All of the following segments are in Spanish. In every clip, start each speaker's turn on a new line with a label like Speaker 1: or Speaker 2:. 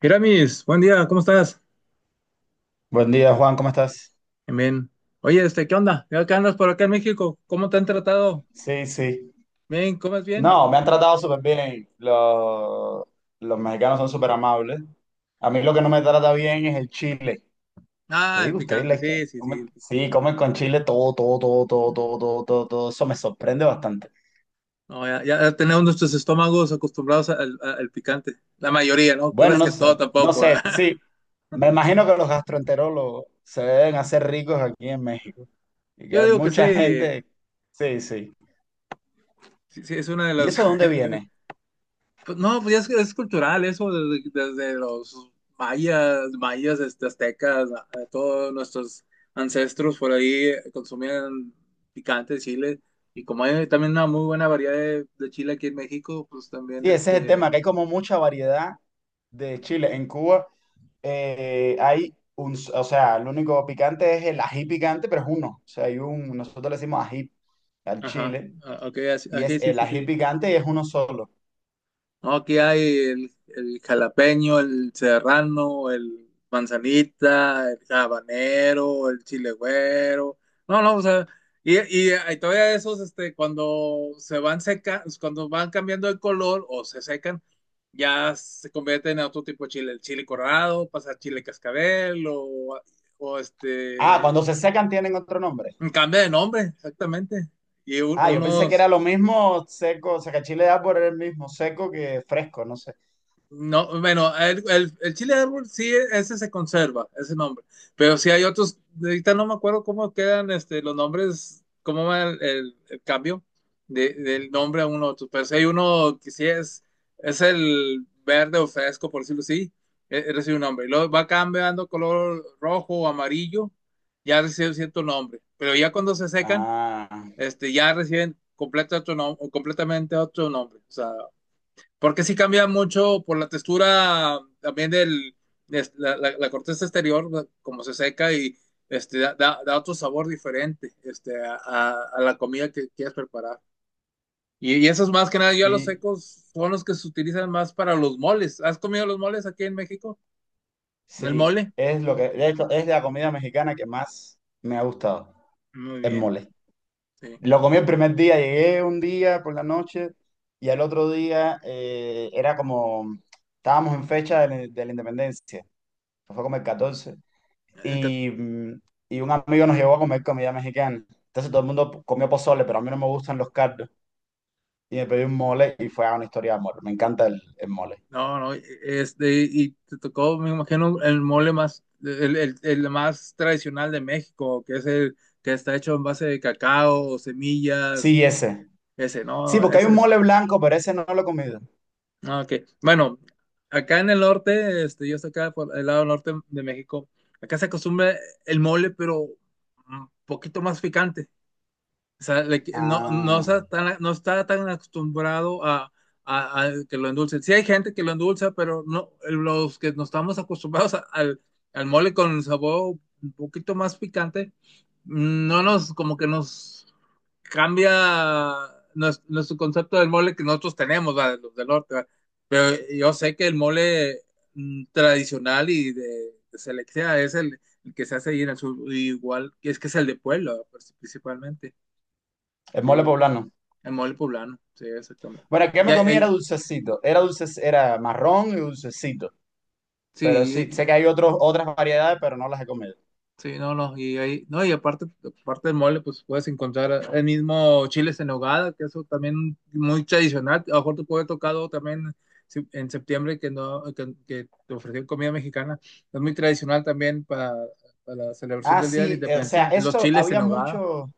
Speaker 1: Gramis, buen día, ¿cómo estás?
Speaker 2: Buen día, Juan, ¿cómo estás?
Speaker 1: Bien, bien. Oye, ¿qué onda? ¿Qué andas por acá en México? ¿Cómo te han tratado?
Speaker 2: Sí, sí.
Speaker 1: Bien, ¿comes bien?
Speaker 2: No, me han tratado súper bien. Los mexicanos son súper amables. A mí lo que no me trata bien es el chile.
Speaker 1: Ah,
Speaker 2: Pues
Speaker 1: el
Speaker 2: digo, ustedes
Speaker 1: picante, sí, sí, sí, el picante.
Speaker 2: sí, comen con chile todo, todo, todo, todo, todo, todo, todo, todo. Eso me sorprende bastante.
Speaker 1: No, ya tenemos nuestros estómagos acostumbrados al picante. La mayoría, ¿no?
Speaker 2: Bueno,
Speaker 1: Creas
Speaker 2: no
Speaker 1: que todo
Speaker 2: sé, no
Speaker 1: tampoco.
Speaker 2: sé,
Speaker 1: ¿Verdad?
Speaker 2: sí. Me imagino que los gastroenterólogos se deben hacer ricos aquí en México. Y que
Speaker 1: Yo
Speaker 2: hay
Speaker 1: digo que sí,
Speaker 2: mucha gente. Sí, sí.
Speaker 1: sí, sí, es una de
Speaker 2: ¿Y
Speaker 1: las.
Speaker 2: eso de dónde viene?
Speaker 1: Pues no, pues ya es cultural eso, desde los aztecas, todos nuestros ancestros por ahí consumían picante, chile, y como hay también una muy buena variedad de chile aquí en México, pues también
Speaker 2: Sí, ese es el tema, que hay como mucha variedad de chile. En Cuba hay un, o sea, el único picante es el ají picante, pero es uno. O sea, hay un, nosotros le decimos ají al
Speaker 1: ajá,
Speaker 2: chile,
Speaker 1: ah, ok,
Speaker 2: y
Speaker 1: aquí
Speaker 2: es
Speaker 1: sí,
Speaker 2: el
Speaker 1: sí,
Speaker 2: ají
Speaker 1: sí.
Speaker 2: picante y es uno solo.
Speaker 1: No, aquí hay el jalapeño, el serrano, el manzanita, el habanero, el chile güero. No, no, o sea, y, hay todavía esos, cuando se van seca, cuando van cambiando de color o se secan, ya se convierten en otro tipo de chile, el chile corrado, pasa a chile cascabel o, o
Speaker 2: Ah, cuando
Speaker 1: este,
Speaker 2: se secan tienen otro nombre.
Speaker 1: cambia de nombre, exactamente. Y
Speaker 2: Ah, yo pensé que era
Speaker 1: unos...
Speaker 2: lo mismo seco, o sea, que chile da por el mismo seco que fresco, no sé.
Speaker 1: No, bueno, el chile de árbol sí, ese se conserva, ese nombre. Pero sí hay otros, ahorita no me acuerdo cómo quedan los nombres, cómo va el cambio del nombre a uno a otro. Pero sí hay uno que sí es el verde o fresco, por decirlo así, recibe un nombre. Y luego va cambiando color rojo o amarillo, ya recibe cierto nombre. Pero ya cuando se secan,
Speaker 2: Ah,
Speaker 1: ya reciben completamente otro nombre. O sea, porque sí cambia mucho por la textura también de la corteza exterior, como se seca y da otro sabor diferente a la comida que quieras preparar. Y esos más que nada, yo a los
Speaker 2: y
Speaker 1: secos son los que se utilizan más para los moles. ¿Has comido los moles aquí en México? ¿El
Speaker 2: sí,
Speaker 1: mole?
Speaker 2: es lo que, de hecho, es la comida mexicana que más me ha gustado,
Speaker 1: Muy
Speaker 2: el
Speaker 1: bien,
Speaker 2: mole.
Speaker 1: sí.
Speaker 2: Lo comí el primer día, llegué un día por la noche y al otro día era como, estábamos en fecha de la independencia, fue como el 14
Speaker 1: El,
Speaker 2: y, mm, y un amigo nos llevó a comer comida mexicana. Entonces todo el mundo comió pozole, pero a mí no me gustan los caldos. Y me pedí un mole y fue a una historia de amor. Me encanta el mole.
Speaker 1: No, no, y te tocó, me imagino, el mole más, el más tradicional de México, que es el que está hecho en base de cacao, semillas,
Speaker 2: Sí, ese.
Speaker 1: ese,
Speaker 2: Sí,
Speaker 1: no,
Speaker 2: porque hay
Speaker 1: ese
Speaker 2: un
Speaker 1: es,
Speaker 2: mole blanco, pero ese no lo he comido.
Speaker 1: no, ok. Bueno, acá en el norte, yo estoy acá por el lado norte de México, acá se acostumbra el mole, pero un poquito más picante. O sea, no, no
Speaker 2: Ah,
Speaker 1: está tan, no está tan acostumbrado a, a que lo endulcen. Sí hay gente que lo endulza, pero no, los que nos estamos acostumbrados al mole con sabor un poquito más picante, no nos, como que nos cambia nuestro concepto del mole que nosotros tenemos, ¿verdad? Los del norte, ¿verdad? Pero yo sé que el mole tradicional y de selección es el que se hace ahí en el sur, igual que es el de pueblo, pues, principalmente.
Speaker 2: el mole
Speaker 1: Sí.
Speaker 2: poblano.
Speaker 1: El mole poblano, sí, exactamente.
Speaker 2: Bueno, el que
Speaker 1: Y
Speaker 2: me
Speaker 1: hay,
Speaker 2: comí era
Speaker 1: hay-
Speaker 2: dulcecito. Era dulce, era marrón y dulcecito. Pero sí, sé
Speaker 1: sí,
Speaker 2: que hay otros, otras variedades, pero no las he comido.
Speaker 1: sí, no, no, y aparte del mole, pues puedes encontrar el mismo chiles en nogada, que eso también muy tradicional. A lo mejor te puede tocar algo también en septiembre que no, que te ofrecieron comida mexicana. Es muy tradicional también para la celebración
Speaker 2: Ah,
Speaker 1: del Día de la
Speaker 2: sí, o sea,
Speaker 1: Independencia, los
Speaker 2: eso
Speaker 1: chiles en nogada.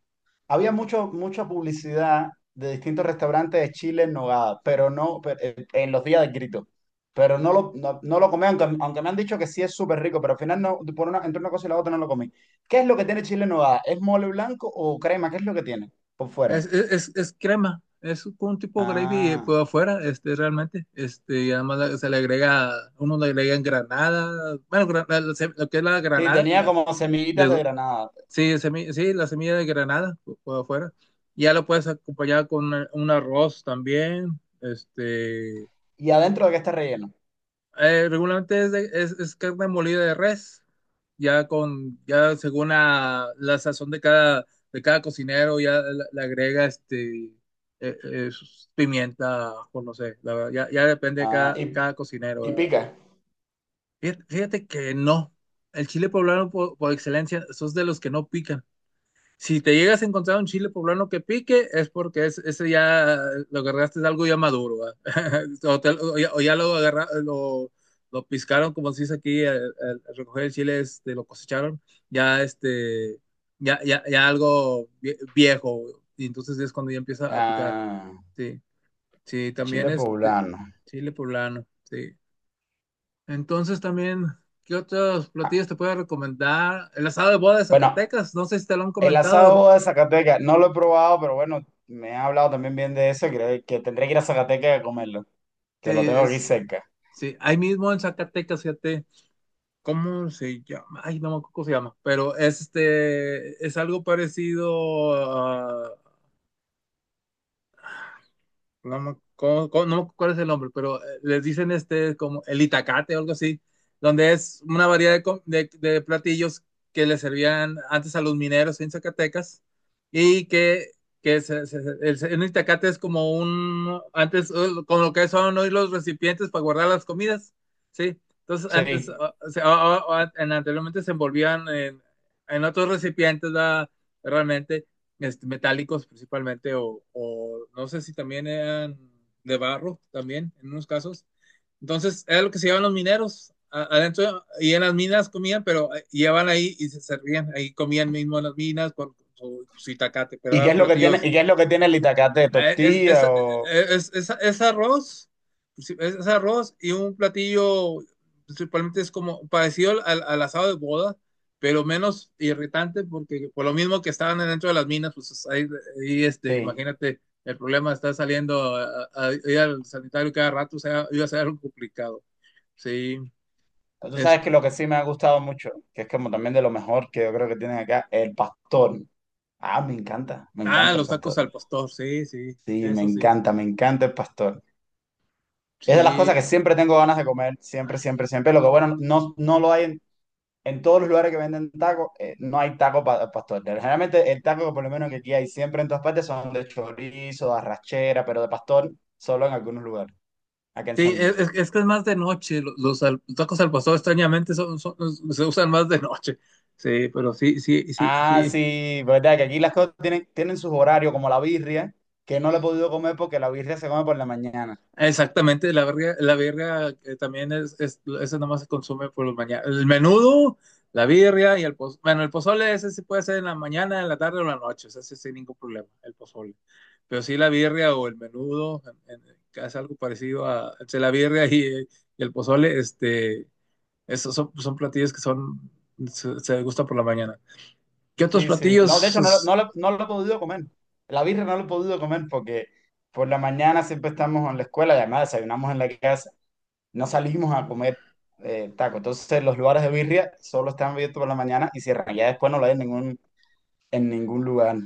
Speaker 2: había mucho, mucha publicidad de distintos restaurantes de Chile en Nogada, pero no, pero, en los días del grito. Pero no lo comí, aunque me han dicho que sí es súper rico, pero al final no, por una, entre una cosa y la otra no lo comí. ¿Qué es lo que tiene Chile en Nogada? ¿Es mole blanco o crema? ¿Qué es lo que tiene por fuera?
Speaker 1: Es crema, es como un tipo gravy
Speaker 2: Ah,
Speaker 1: por afuera, realmente. Y además se le agrega, uno le agrega granada, bueno, lo que es la
Speaker 2: sí,
Speaker 1: granada,
Speaker 2: tenía
Speaker 1: la,
Speaker 2: como semillitas de
Speaker 1: de-
Speaker 2: granada.
Speaker 1: sí, sí, la semilla de granada por afuera. Ya lo puedes acompañar con un arroz también,
Speaker 2: ¿Y adentro de qué está relleno?
Speaker 1: regularmente es carne molida de res, ya según la sazón de cada cocinero, ya le agrega pimienta, o no sé, la verdad, ya depende de
Speaker 2: Ah,
Speaker 1: cada, cada cocinero.
Speaker 2: y
Speaker 1: ¿Verdad?
Speaker 2: pica.
Speaker 1: Fíjate, fíjate que no, el chile poblano por excelencia, esos de los que no pican. Si te llegas a encontrar un chile poblano que pique, es porque ese ya lo agarraste de algo ya maduro, ¿va? O ya lo, agarra- lo piscaron, como se dice aquí, al recoger el chile, lo cosecharon, ya este, ya algo viejo, y entonces es cuando ya empieza a picar.
Speaker 2: Ah.
Speaker 1: Sí, sí, también
Speaker 2: Chile poblano.
Speaker 1: chile poblano, sí. Entonces también, ¿qué otros
Speaker 2: Ah,
Speaker 1: platillos te puedo recomendar? El asado de boda de
Speaker 2: bueno,
Speaker 1: Zacatecas, no sé si te lo han
Speaker 2: el
Speaker 1: comentado.
Speaker 2: asado de Zacatecas, no lo he probado, pero bueno, me han hablado también bien de eso y creo que tendré que ir a Zacatecas a comerlo,
Speaker 1: Sí,
Speaker 2: que lo tengo aquí cerca.
Speaker 1: sí, ahí mismo en Zacatecas, fíjate, ¿cómo se llama? Ay, no me acuerdo cómo se llama, pero es algo parecido a... no me acuerdo cuál es el nombre, pero les dicen como el itacate o algo así, donde es una variedad de platillos que les servían antes a los mineros en Zacatecas y que, que el itacate es como antes, como lo que son hoy los recipientes para guardar las comidas, ¿sí? Entonces, antes,
Speaker 2: Sí.
Speaker 1: anteriormente se envolvían en, otros recipientes, ¿verdad? Realmente metálicos principalmente, o no sé si también eran de barro, también, en unos casos. Entonces, era lo que se llevaban los mineros adentro, y en las minas comían, pero llevaban ahí y se servían, ahí comían mismo en las minas con su itacate, pero
Speaker 2: ¿Y qué
Speaker 1: eran
Speaker 2: es lo que tiene,
Speaker 1: platillos.
Speaker 2: y qué es lo que tiene el itacate?
Speaker 1: eh, Es, es, eh,
Speaker 2: ¿Tortilla o...?
Speaker 1: es, es- es arroz, pues, sí, es arroz y un platillo principalmente es como parecido al asado de boda, pero menos irritante porque por lo mismo que estaban dentro de las minas, pues es ahí,
Speaker 2: Sí.
Speaker 1: imagínate, el problema está saliendo a ir al sanitario cada rato, o sea, iba a ser algo complicado. Sí,
Speaker 2: Tú
Speaker 1: es-
Speaker 2: sabes que lo que sí me ha gustado mucho, que es como también de lo mejor que yo creo que tienen acá, el pastor. Ah, me encanta el
Speaker 1: los tacos
Speaker 2: pastor.
Speaker 1: al pastor, sí, sí,
Speaker 2: Sí,
Speaker 1: eso sí.
Speaker 2: me encanta el pastor. Es de las cosas que
Speaker 1: Sí,
Speaker 2: siempre tengo ganas de comer, siempre, siempre, siempre. Lo que bueno, no, no lo hay, en todos los lugares que venden tacos, no hay pastor. Generalmente el taco que por lo menos que aquí hay siempre en todas partes son de chorizo, de arrachera, pero de pastor solo en algunos lugares, acá en
Speaker 1: sí,
Speaker 2: San
Speaker 1: es,
Speaker 2: Luis.
Speaker 1: es es que es más de noche. Los tacos al pastor extrañamente se usan más de noche. Sí, pero sí, sí, sí,
Speaker 2: Ah,
Speaker 1: sí.
Speaker 2: sí, verdad que aquí las cosas tienen, tienen sus horarios, como la birria, que no la he podido comer porque la birria se come por la mañana.
Speaker 1: Exactamente, la verga, la birria también esa nomás se consume por la mañana. El menudo, la birria y el pozole. Bueno, el pozole ese sí puede ser en la mañana, en la tarde o en la noche, ese sí sin ningún problema, el pozole. Pero sí la birria o el menudo, que es algo parecido entre la birria y el pozole, esos son platillos que se gusta por la mañana. ¿Qué otros
Speaker 2: Sí, sí. No, de
Speaker 1: platillos
Speaker 2: hecho
Speaker 1: pues,
Speaker 2: no lo he podido comer. La birria no lo he podido comer porque por la mañana siempre estamos en la escuela y además desayunamos en la casa. No salimos a comer taco. Entonces los lugares de birria solo están abiertos por la mañana y cierran. Ya después no lo hay en en ningún lugar.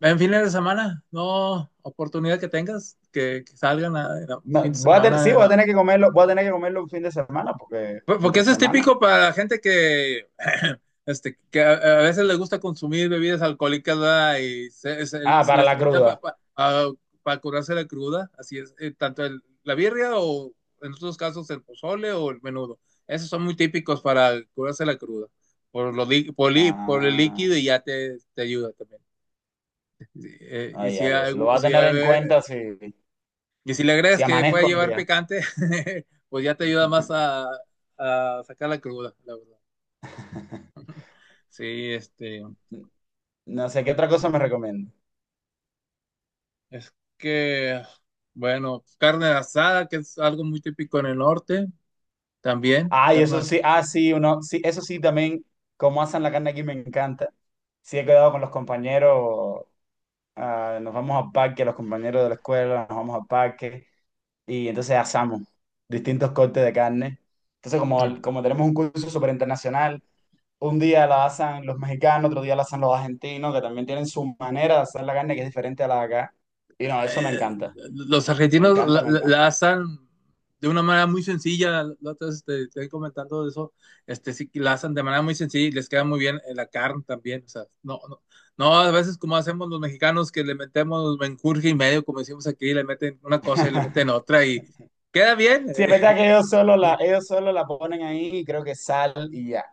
Speaker 1: en fines de semana? No, oportunidad que tengas, que salgan en la
Speaker 2: No,
Speaker 1: fin de
Speaker 2: sí,
Speaker 1: semana, en...
Speaker 2: voy a tener que comerlo, voy a tener que comerlo un fin de semana, porque
Speaker 1: Porque
Speaker 2: entre
Speaker 1: eso es
Speaker 2: semana.
Speaker 1: típico para la gente que, que a veces les gusta consumir bebidas alcohólicas, ¿verdad? Y se- se-
Speaker 2: Ah,
Speaker 1: se
Speaker 2: para
Speaker 1: les
Speaker 2: la
Speaker 1: ayuda
Speaker 2: cruda.
Speaker 1: para curarse la cruda. Así es, tanto la birria o en otros casos el pozole o el menudo. Esos son muy típicos para curarse la cruda. Por, lo, li- por, li- por el
Speaker 2: Ah,
Speaker 1: líquido y ya te ayuda también. Sí,
Speaker 2: ya lo voy a tener en cuenta si,
Speaker 1: Y si le
Speaker 2: si
Speaker 1: agregas que puede
Speaker 2: amanezco un
Speaker 1: llevar
Speaker 2: día.
Speaker 1: picante, pues ya te ayuda más a sacar la cruda, la verdad. Sí,
Speaker 2: No sé qué otra cosa me recomiendo.
Speaker 1: es que, bueno, carne asada, que es algo muy típico en el norte, también,
Speaker 2: Ah, y eso
Speaker 1: carnes.
Speaker 2: sí, ah, sí, uno, sí, eso sí también, como hacen la carne aquí me encanta. Sí, he quedado con los compañeros ah, nos vamos al parque, los compañeros de la escuela, nos vamos al parque y entonces asamos distintos cortes de carne. Entonces, como tenemos un curso súper internacional, un día la asan los mexicanos, otro día la asan los argentinos, que también tienen su manera de hacer la carne que es diferente a la de acá. Y no, eso me
Speaker 1: eh,
Speaker 2: encanta,
Speaker 1: los
Speaker 2: me
Speaker 1: argentinos la,
Speaker 2: encanta, me
Speaker 1: la-
Speaker 2: encanta.
Speaker 1: la hacen de una manera muy sencilla, la otra vez te estoy comentando de eso, sí, que la hacen de manera muy sencilla y les queda muy bien, la carne también, o sea, no, no, no, a veces como hacemos los mexicanos que le metemos menjurje y medio, como decimos aquí, le meten una cosa y le meten otra y queda bien.
Speaker 2: Sí, es verdad que ellos solo la ponen ahí y creo que sal y ya,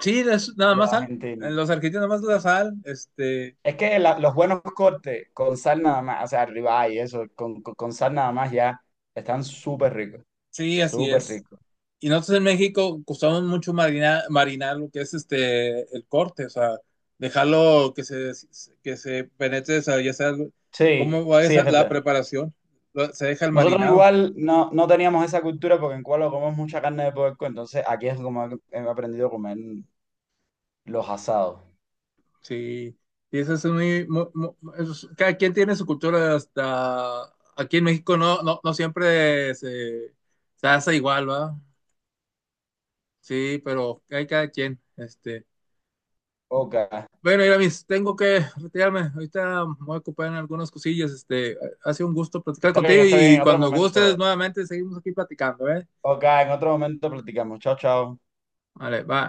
Speaker 1: Sí, nada
Speaker 2: los
Speaker 1: más sal.
Speaker 2: argentinos.
Speaker 1: En Los argentinos nada más la sal.
Speaker 2: Es que los buenos cortes con sal nada más, o sea, ribeye y eso, con sal nada más ya están súper ricos,
Speaker 1: Sí, así
Speaker 2: súper
Speaker 1: es.
Speaker 2: ricos.
Speaker 1: Y nosotros en México costamos mucho marinar, lo que es el corte, o sea, dejarlo que se, penetre, o sea, ya sea cómo
Speaker 2: Sí,
Speaker 1: va
Speaker 2: sí, es
Speaker 1: la
Speaker 2: verdad.
Speaker 1: preparación, se deja el
Speaker 2: Nosotros
Speaker 1: marinado.
Speaker 2: igual no, no teníamos esa cultura porque en Cuba comemos mucha carne de puerco, entonces aquí es como he aprendido a comer los asados.
Speaker 1: Sí, y eso es cada quien tiene su cultura hasta aquí en México no, no, no siempre se hace igual, ¿va? Sí, pero hay cada quien.
Speaker 2: Ok,
Speaker 1: Bueno, Iramis, tengo que retirarme. Ahorita me voy a ocupar en algunas cosillas. Ha sido un gusto platicar contigo
Speaker 2: está bien,
Speaker 1: y
Speaker 2: en otro
Speaker 1: cuando gustes
Speaker 2: momento.
Speaker 1: nuevamente seguimos aquí platicando, ¿eh?
Speaker 2: Ok, en otro momento platicamos. Chao, chao.
Speaker 1: Vale, va.